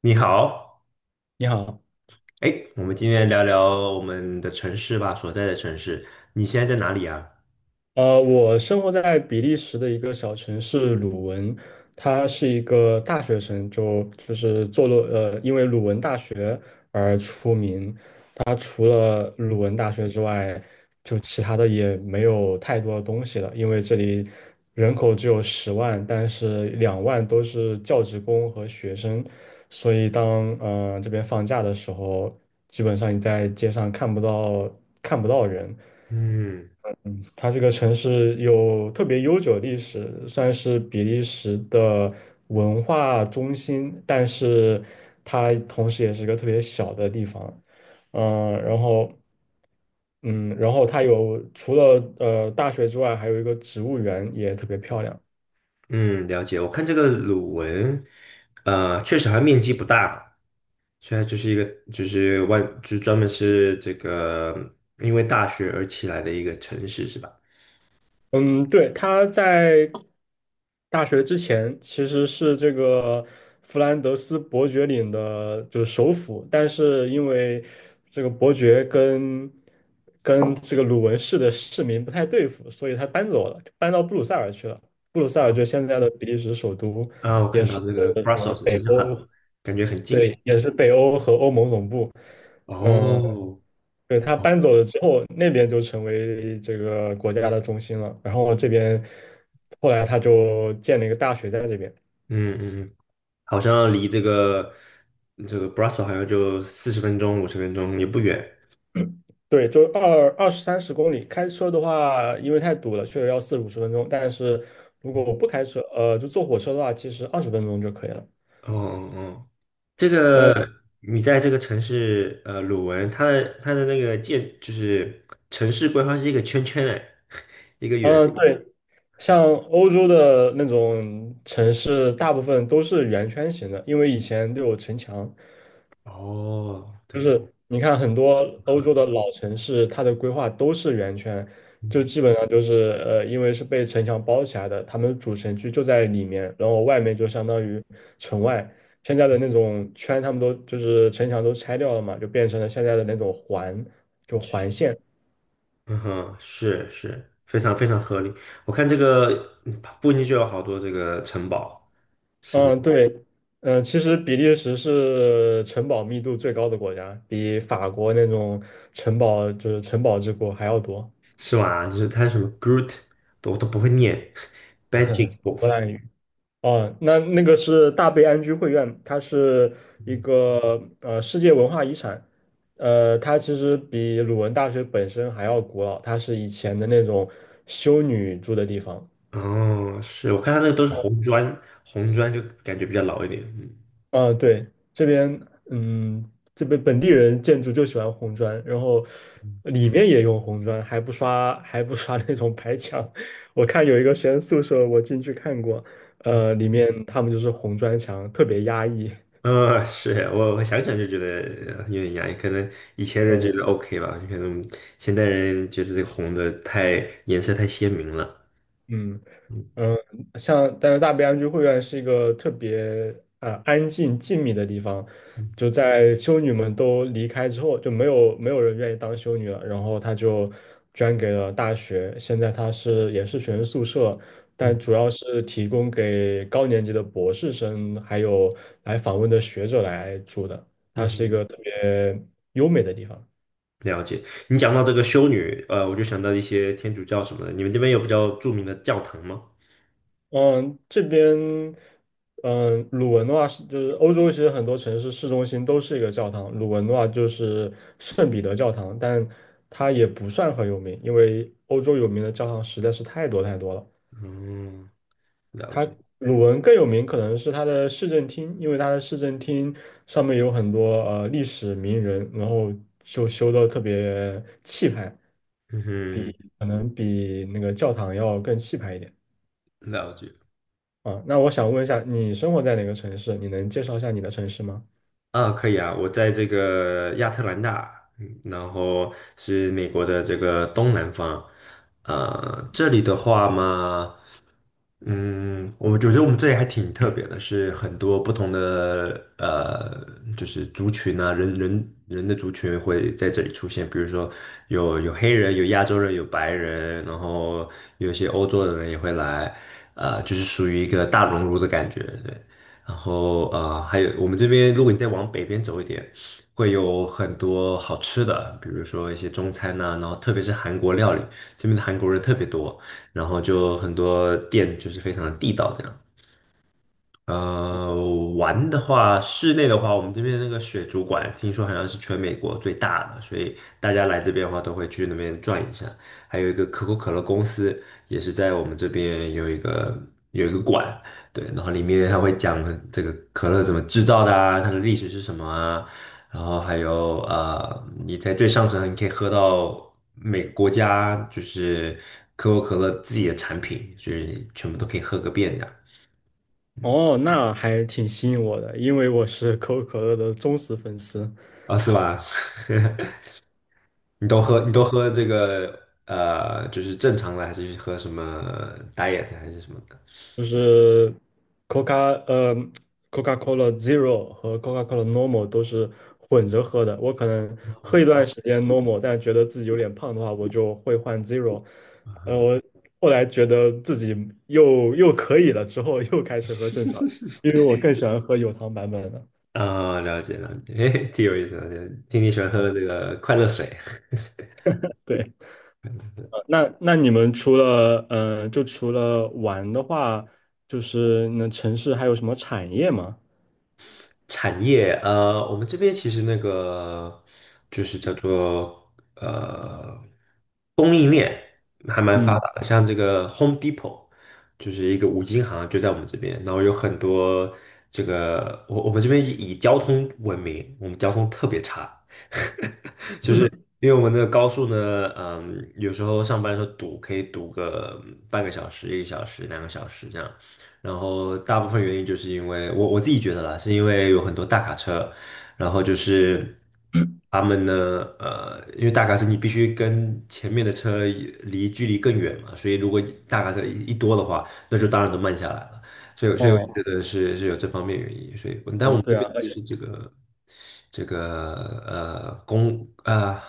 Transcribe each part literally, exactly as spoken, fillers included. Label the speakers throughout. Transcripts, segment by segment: Speaker 1: 你好，
Speaker 2: 你好。
Speaker 1: 哎，我们今天聊聊我们的城市吧，所在的城市。你现在在哪里啊？
Speaker 2: 呃，我生活在比利时的一个小城市鲁汶，它是一个大学城，就就是坐落呃，因为鲁汶大学而出名。它除了鲁文大学之外，就其他的也没有太多的东西了，因为这里人口只有十万，但是两万都是教职工和学生，所以当呃这边放假的时候，基本上你在街上看不到看不到人。
Speaker 1: 嗯
Speaker 2: 它这个城市有特别悠久的历史，算是比利时的文化中心，但是它同时也是一个特别小的地方。嗯、然后嗯，然后它有除了呃大学之外，还有一个植物园也特别漂亮。
Speaker 1: 嗯，了解。我看这个鲁文，呃，确实还面积不大，现在就是一个就是万就是专门是这个因为大学而起来的一个城市是吧？
Speaker 2: 嗯，对。他在大学之前其实是这个弗兰德斯伯爵领的，就是首府，但是因为这个伯爵跟跟这个鲁文市的市民不太对付，所以他搬走了，搬到布鲁塞尔去了。布鲁塞尔就是现在的比利时首都，
Speaker 1: 啊，我
Speaker 2: 也
Speaker 1: 看到
Speaker 2: 是
Speaker 1: 这个
Speaker 2: 什么
Speaker 1: Brussels
Speaker 2: 北
Speaker 1: 好像很
Speaker 2: 欧。
Speaker 1: 感觉很近。
Speaker 2: 对，也是北欧和欧盟总部。嗯，
Speaker 1: 哦，
Speaker 2: 对。他搬
Speaker 1: 哦
Speaker 2: 走了之后，那边就成为这个国家的中心了。然后这边后来他就建了一个大学在这边。
Speaker 1: 嗯嗯，嗯好像离这个这个 Brussels 好像就四十分钟五十分钟也不远。
Speaker 2: 对，就二二十三十公里。开车的话，因为太堵了，确实要四五十分钟。但是如果我不开车，呃，就坐火车的话，其实二十分钟就可以了。
Speaker 1: 哦哦哦，这
Speaker 2: 哦，
Speaker 1: 个你在这个城市，呃，鲁文，它的它的那个建就是城市规划是一个圈圈哎，一个圆。
Speaker 2: 嗯，对。像欧洲的那种城市，大部分都是圆圈形的，因为以前都有城墙，
Speaker 1: 哦，
Speaker 2: 就
Speaker 1: 对，
Speaker 2: 是你看很多欧
Speaker 1: 合，
Speaker 2: 洲的老城市，它的规划都是圆圈，就基本上就是呃，因为是被城墙包起来的，他们主城区就在里面，然后外面就相当于城外。现在的那种圈，他们都就是城墙都拆掉了嘛，就变成了现在的那种环。
Speaker 1: 嗯哼，是是，非常非常合理。我看这个嗯附近就有好多这个城堡，什么
Speaker 2: 嗯，对。嗯，其实比利时是城堡密度最高的国家，比法国那种城堡就是城堡之国还要多。
Speaker 1: 是吧？就是它什么 Groot，我都不会念 b a g i c w o l
Speaker 2: 荷兰哦，那那个是大悲安居会院，它是一个呃世界文化遗产，呃，它其实比鲁文大学本身还要古老，它是以前的那种修女住的地方。
Speaker 1: 哦，是我看它那个都是红砖，红砖就感觉比较老一点，
Speaker 2: 啊，对。这边嗯，这边本地人建筑就喜欢红砖，然后
Speaker 1: 嗯
Speaker 2: 里面也用红砖，还不刷还不刷那种白墙。我看有一个学生宿舍，我进去看过，
Speaker 1: 嗯。
Speaker 2: 呃，里面他们就是红砖墙，特别压抑。
Speaker 1: 呃，是我我想想就觉得呃有点压抑，可能以前人觉得
Speaker 2: 嗯
Speaker 1: OK 吧，可能现代人觉得这个红的太颜色太鲜明了。
Speaker 2: 嗯。
Speaker 1: 嗯
Speaker 2: 嗯，像但是大悲安居会院是一个特别啊呃安静静谧的地方，就在修女们都离开之后，就没有没有人愿意当修女了，然后她就捐给了大学，现在她是也是学生宿舍，但
Speaker 1: 嗯
Speaker 2: 主要是提供给高年级的博士生还有来访问的学者来住的，
Speaker 1: 嗯
Speaker 2: 它是一
Speaker 1: 嗯，
Speaker 2: 个特别优美的地方。
Speaker 1: 了解。你讲到这个修女，呃，我就想到一些天主教什么的，你们这边有比较著名的教堂吗？
Speaker 2: 嗯，这边，嗯，鲁文的话是就是欧洲，其实很多城市市中心都是一个教堂。鲁文的话就是圣彼得教堂，但它也不算很有名，因为欧洲有名的教堂实在是太多太多了。
Speaker 1: 嗯，了
Speaker 2: 它
Speaker 1: 解。
Speaker 2: 鲁文更有名可能是它的市政厅，因为它的市政厅上面有很多呃历史名人，然后就修的特别气派，
Speaker 1: 嗯哼，
Speaker 2: 可能比那个教堂要更气派一点。
Speaker 1: 了解。
Speaker 2: 啊，那我想问一下，你生活在哪个城市？你能介绍一下你的城市吗？
Speaker 1: 啊，可以啊，我在这个亚特兰大，嗯，然后是美国的这个东南方，呃，这里的话嘛，嗯，我们觉得我们这里还挺特别的，是很多不同的呃，就是族群啊，人人人的族群会在这里出现，比如说有有黑人，有亚洲人，有白人，然后有一些欧洲的人也会来，呃，就是属于一个大熔炉的感觉，对。然后啊、呃还有我们这边，如果你再往北边走一点，会有很多好吃的，比如说一些中餐呐、然后特别是韩国料理，这边的韩国人特别多，然后就很多店就是非常的地道这样。呃，玩的话，室内的话，我们这边那个水族馆，听说好像是全美国最大的，所以大家来这边的话，都会去那边转一下。还有一个可口可乐公司，也是在我们这边有一个有一个馆，对，然后里面它会讲这个可乐怎么制造的啊，它的历史是什么啊，然后还有呃，你在最上层你可以喝到每个国家就是可口可乐自己的产品，所以全部都可以喝个遍的
Speaker 2: 哦，那还挺吸引我的，因为我是 可口可乐的忠实粉丝，
Speaker 1: 啊，是吧？你都喝你都喝这个呃，就是正常的，还是喝什么 diet 还是什么的？
Speaker 2: 就是 Coca 呃 Coca-Cola Zero 和 Coca-Cola Normal 都是混着喝的。我可能喝一段时间 Normal，但觉得自己有点胖的话，我就会换 Zero。呃，我后来觉得自己又又可以了，之后又开始喝正常的，因为我更喜欢喝有糖版本的。
Speaker 1: 啊、了解了解，嘿，挺有意思的，听你喜欢喝这个快乐水。
Speaker 2: 对。那那你们除了嗯、呃就除了玩的话，就是那城市还有什么产业吗？
Speaker 1: 产业，呃，我们这边其实那个就是叫做呃供应链还蛮发
Speaker 2: 嗯。
Speaker 1: 达的，像这个 Home Depot 就是一个五金行，就在我们这边，然后有很多这个我我们这边以以交通闻名，我们交通特别差，因为我们的高速呢，嗯，有时候上班的时候堵，可以堵个嗯半个小时、一个小时、两个小时这样。然后大部分原因就是因为我我自己觉得啦，是因为有很多大卡车，然后就是他们呢，呃，因为大卡车你必须跟前面的车离距离更远嘛，所以如果大卡车一一多的话，那就当然都慢下来了。所以所以我觉
Speaker 2: 哦
Speaker 1: 得是是有这方面原因，所以但我
Speaker 2: 哦，
Speaker 1: 们这
Speaker 2: 对
Speaker 1: 边。
Speaker 2: 啊，而且
Speaker 1: 这个呃公呃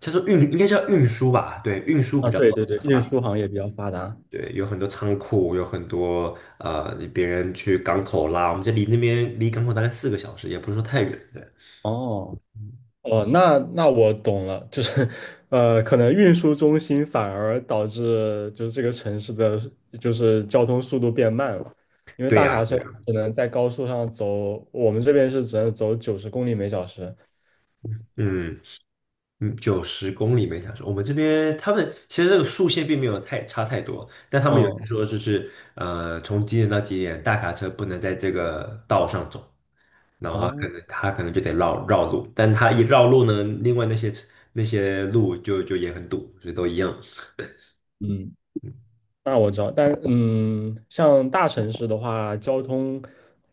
Speaker 1: 叫做运应该叫运输吧，对，运输比
Speaker 2: 啊，
Speaker 1: 较
Speaker 2: 对
Speaker 1: 发
Speaker 2: 对对，运
Speaker 1: 达，
Speaker 2: 输行业比较发达。
Speaker 1: 对，有很多仓库，有很多呃别人去港口拉，我们这离那边离港口大概四个小时，也不是说太远，对。
Speaker 2: 哦哦，那那我懂了，就是 呃，可能运输中心反而导致就是这个城市的就是交通速度变慢了，因为
Speaker 1: 对
Speaker 2: 大卡
Speaker 1: 呀，
Speaker 2: 车
Speaker 1: 对呀，
Speaker 2: 它只能在高速上走，我们这边是只能走九十公里每小时。
Speaker 1: 嗯嗯，九十公里每小时。我们这边他们其实这个速限并没有太差太多，但他们有
Speaker 2: 嗯，
Speaker 1: 说就是呃，从几点到几点，大卡车不能在这个道上走。然后他可
Speaker 2: 哦，
Speaker 1: 能他可能就得绕绕路，但他一绕路呢，另外那些那些路就就也很堵，所以都一样。
Speaker 2: 嗯。那我知道，但嗯，像大城市的话，交通，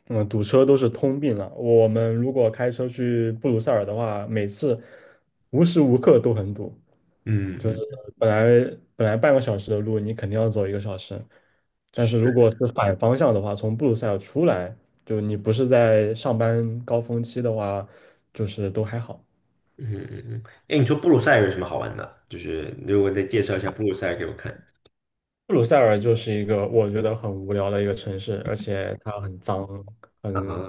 Speaker 2: 嗯，堵车都是通病了。我们如果开车去布鲁塞尔的话，每次无时无刻都很堵，
Speaker 1: 嗯
Speaker 2: 就是
Speaker 1: 嗯，
Speaker 2: 本来本来半个小时的路，你肯定要走一个小时。但是如
Speaker 1: 是，
Speaker 2: 果是反方向的话，从布鲁塞尔出来，就你不是在上班高峰期的话，就是都还好。
Speaker 1: 嗯嗯嗯。哎，你说布鲁塞尔有什么好玩的？就是如果再介绍一下布鲁塞尔给我看
Speaker 2: 布鲁塞尔就是一个我觉得很无聊的一个城市，而且它很脏。
Speaker 1: 啊，
Speaker 2: 很。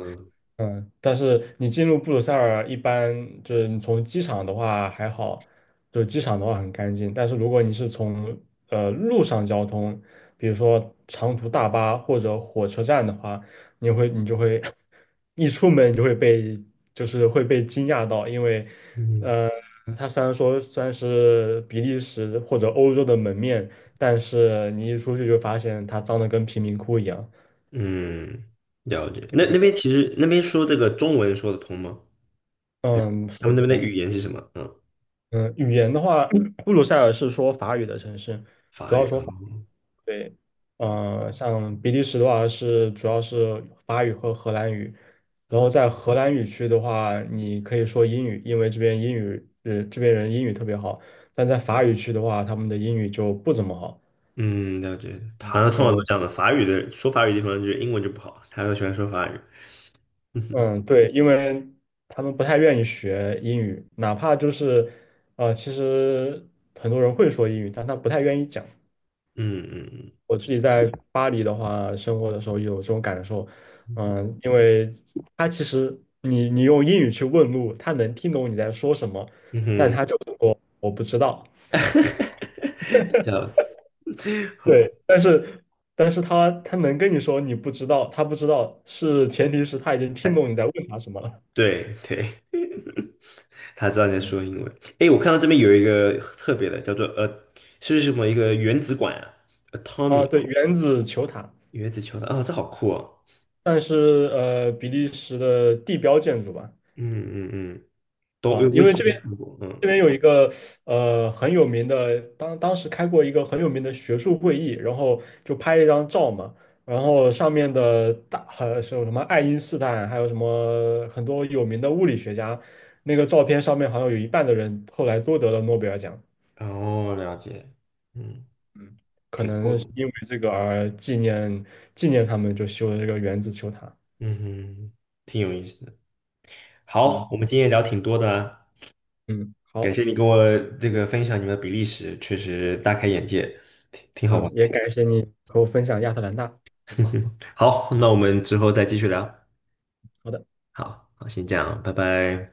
Speaker 2: 嗯，但是你进入布鲁塞尔，一般就是你从机场的话还好，就是机场的话很干净。但是如果你是从呃路上交通，比如说长途大巴或者火车站的话，你会你就会 一出门你就会被就是会被惊讶到，因为
Speaker 1: 嗯
Speaker 2: 呃，它虽然说算是比利时或者欧洲的门面，但是你一出去就发现它脏的跟贫民窟一样。
Speaker 1: 嗯，了解。那那边其实那边说这个中文说得通吗？
Speaker 2: 嗯，
Speaker 1: 他
Speaker 2: 说
Speaker 1: 们
Speaker 2: 不
Speaker 1: 那边的
Speaker 2: 通。
Speaker 1: 语言是什么？嗯，
Speaker 2: 嗯，语言的话，布鲁塞尔是说法语的城市，主
Speaker 1: 法
Speaker 2: 要
Speaker 1: 语。
Speaker 2: 说法语。对，呃，像比利时的话是主要是法语和荷兰语，然后在荷兰语区的话，你可以说英语，因为这边英语，呃，这边人英语特别好，但在法语区的话，他们的英语就不怎么好。
Speaker 1: 嗯，了解。
Speaker 2: 嗯
Speaker 1: 好像通常都
Speaker 2: 就
Speaker 1: 这样的，法语的说法语的地方就是英文就不好，他都喜欢说法语。嗯
Speaker 2: 嗯，对，因为他们不太愿意学英语，哪怕就是，呃，其实很多人会说英语，但他不太愿意讲。
Speaker 1: 嗯嗯嗯
Speaker 2: 我自己在巴黎的话，生活的时候有这种感受，嗯，因为他其实你你用英语去问路，他能听懂你在说什么，
Speaker 1: 嗯
Speaker 2: 但
Speaker 1: 哼。
Speaker 2: 他就说我不知道。
Speaker 1: 哈哈，笑死！好，
Speaker 2: 对，但是但是他他能跟你说你不知道，他不知道是前提是他已经听
Speaker 1: 哎
Speaker 2: 懂你在问他什么了。
Speaker 1: 对对，他知道你在说英文。哎，我看到这边有一个特别的，叫做呃，是什么一个原子管啊
Speaker 2: 啊，
Speaker 1: ？Atomic
Speaker 2: 对，原子球塔，
Speaker 1: 原子球的啊、哦这好酷哦！
Speaker 2: 算是呃比利时的地标建筑吧。
Speaker 1: 嗯嗯嗯，都
Speaker 2: 啊，
Speaker 1: 我
Speaker 2: 因
Speaker 1: 以
Speaker 2: 为
Speaker 1: 前
Speaker 2: 这
Speaker 1: 没
Speaker 2: 边
Speaker 1: 看过，
Speaker 2: 这
Speaker 1: 嗯，
Speaker 2: 边有一个呃很有名的，当当时开过一个很有名的学术会议，然后就拍了一张照嘛，然后上面的大呃是有什么爱因斯坦，还有什么很多有名的物理学家，那个照片上面好像有一半的人后来都得了诺贝尔奖。
Speaker 1: 哦，了解，嗯，
Speaker 2: 嗯，可
Speaker 1: 挺酷
Speaker 2: 能是
Speaker 1: 的，
Speaker 2: 因为这个而纪念纪念他们，就修了这个原子球塔。
Speaker 1: 嗯哼，挺有意思的。好，
Speaker 2: 嗯，
Speaker 1: 我们今天聊挺多的啊，
Speaker 2: 嗯，
Speaker 1: 感
Speaker 2: 好，
Speaker 1: 谢你跟我这个分享你们的比利时，确实大开眼界。
Speaker 2: 嗯，也感谢你和我分享亚特兰大。
Speaker 1: 好，那我们之后再继续聊。
Speaker 2: 好的。
Speaker 1: 好好，先这样，拜拜。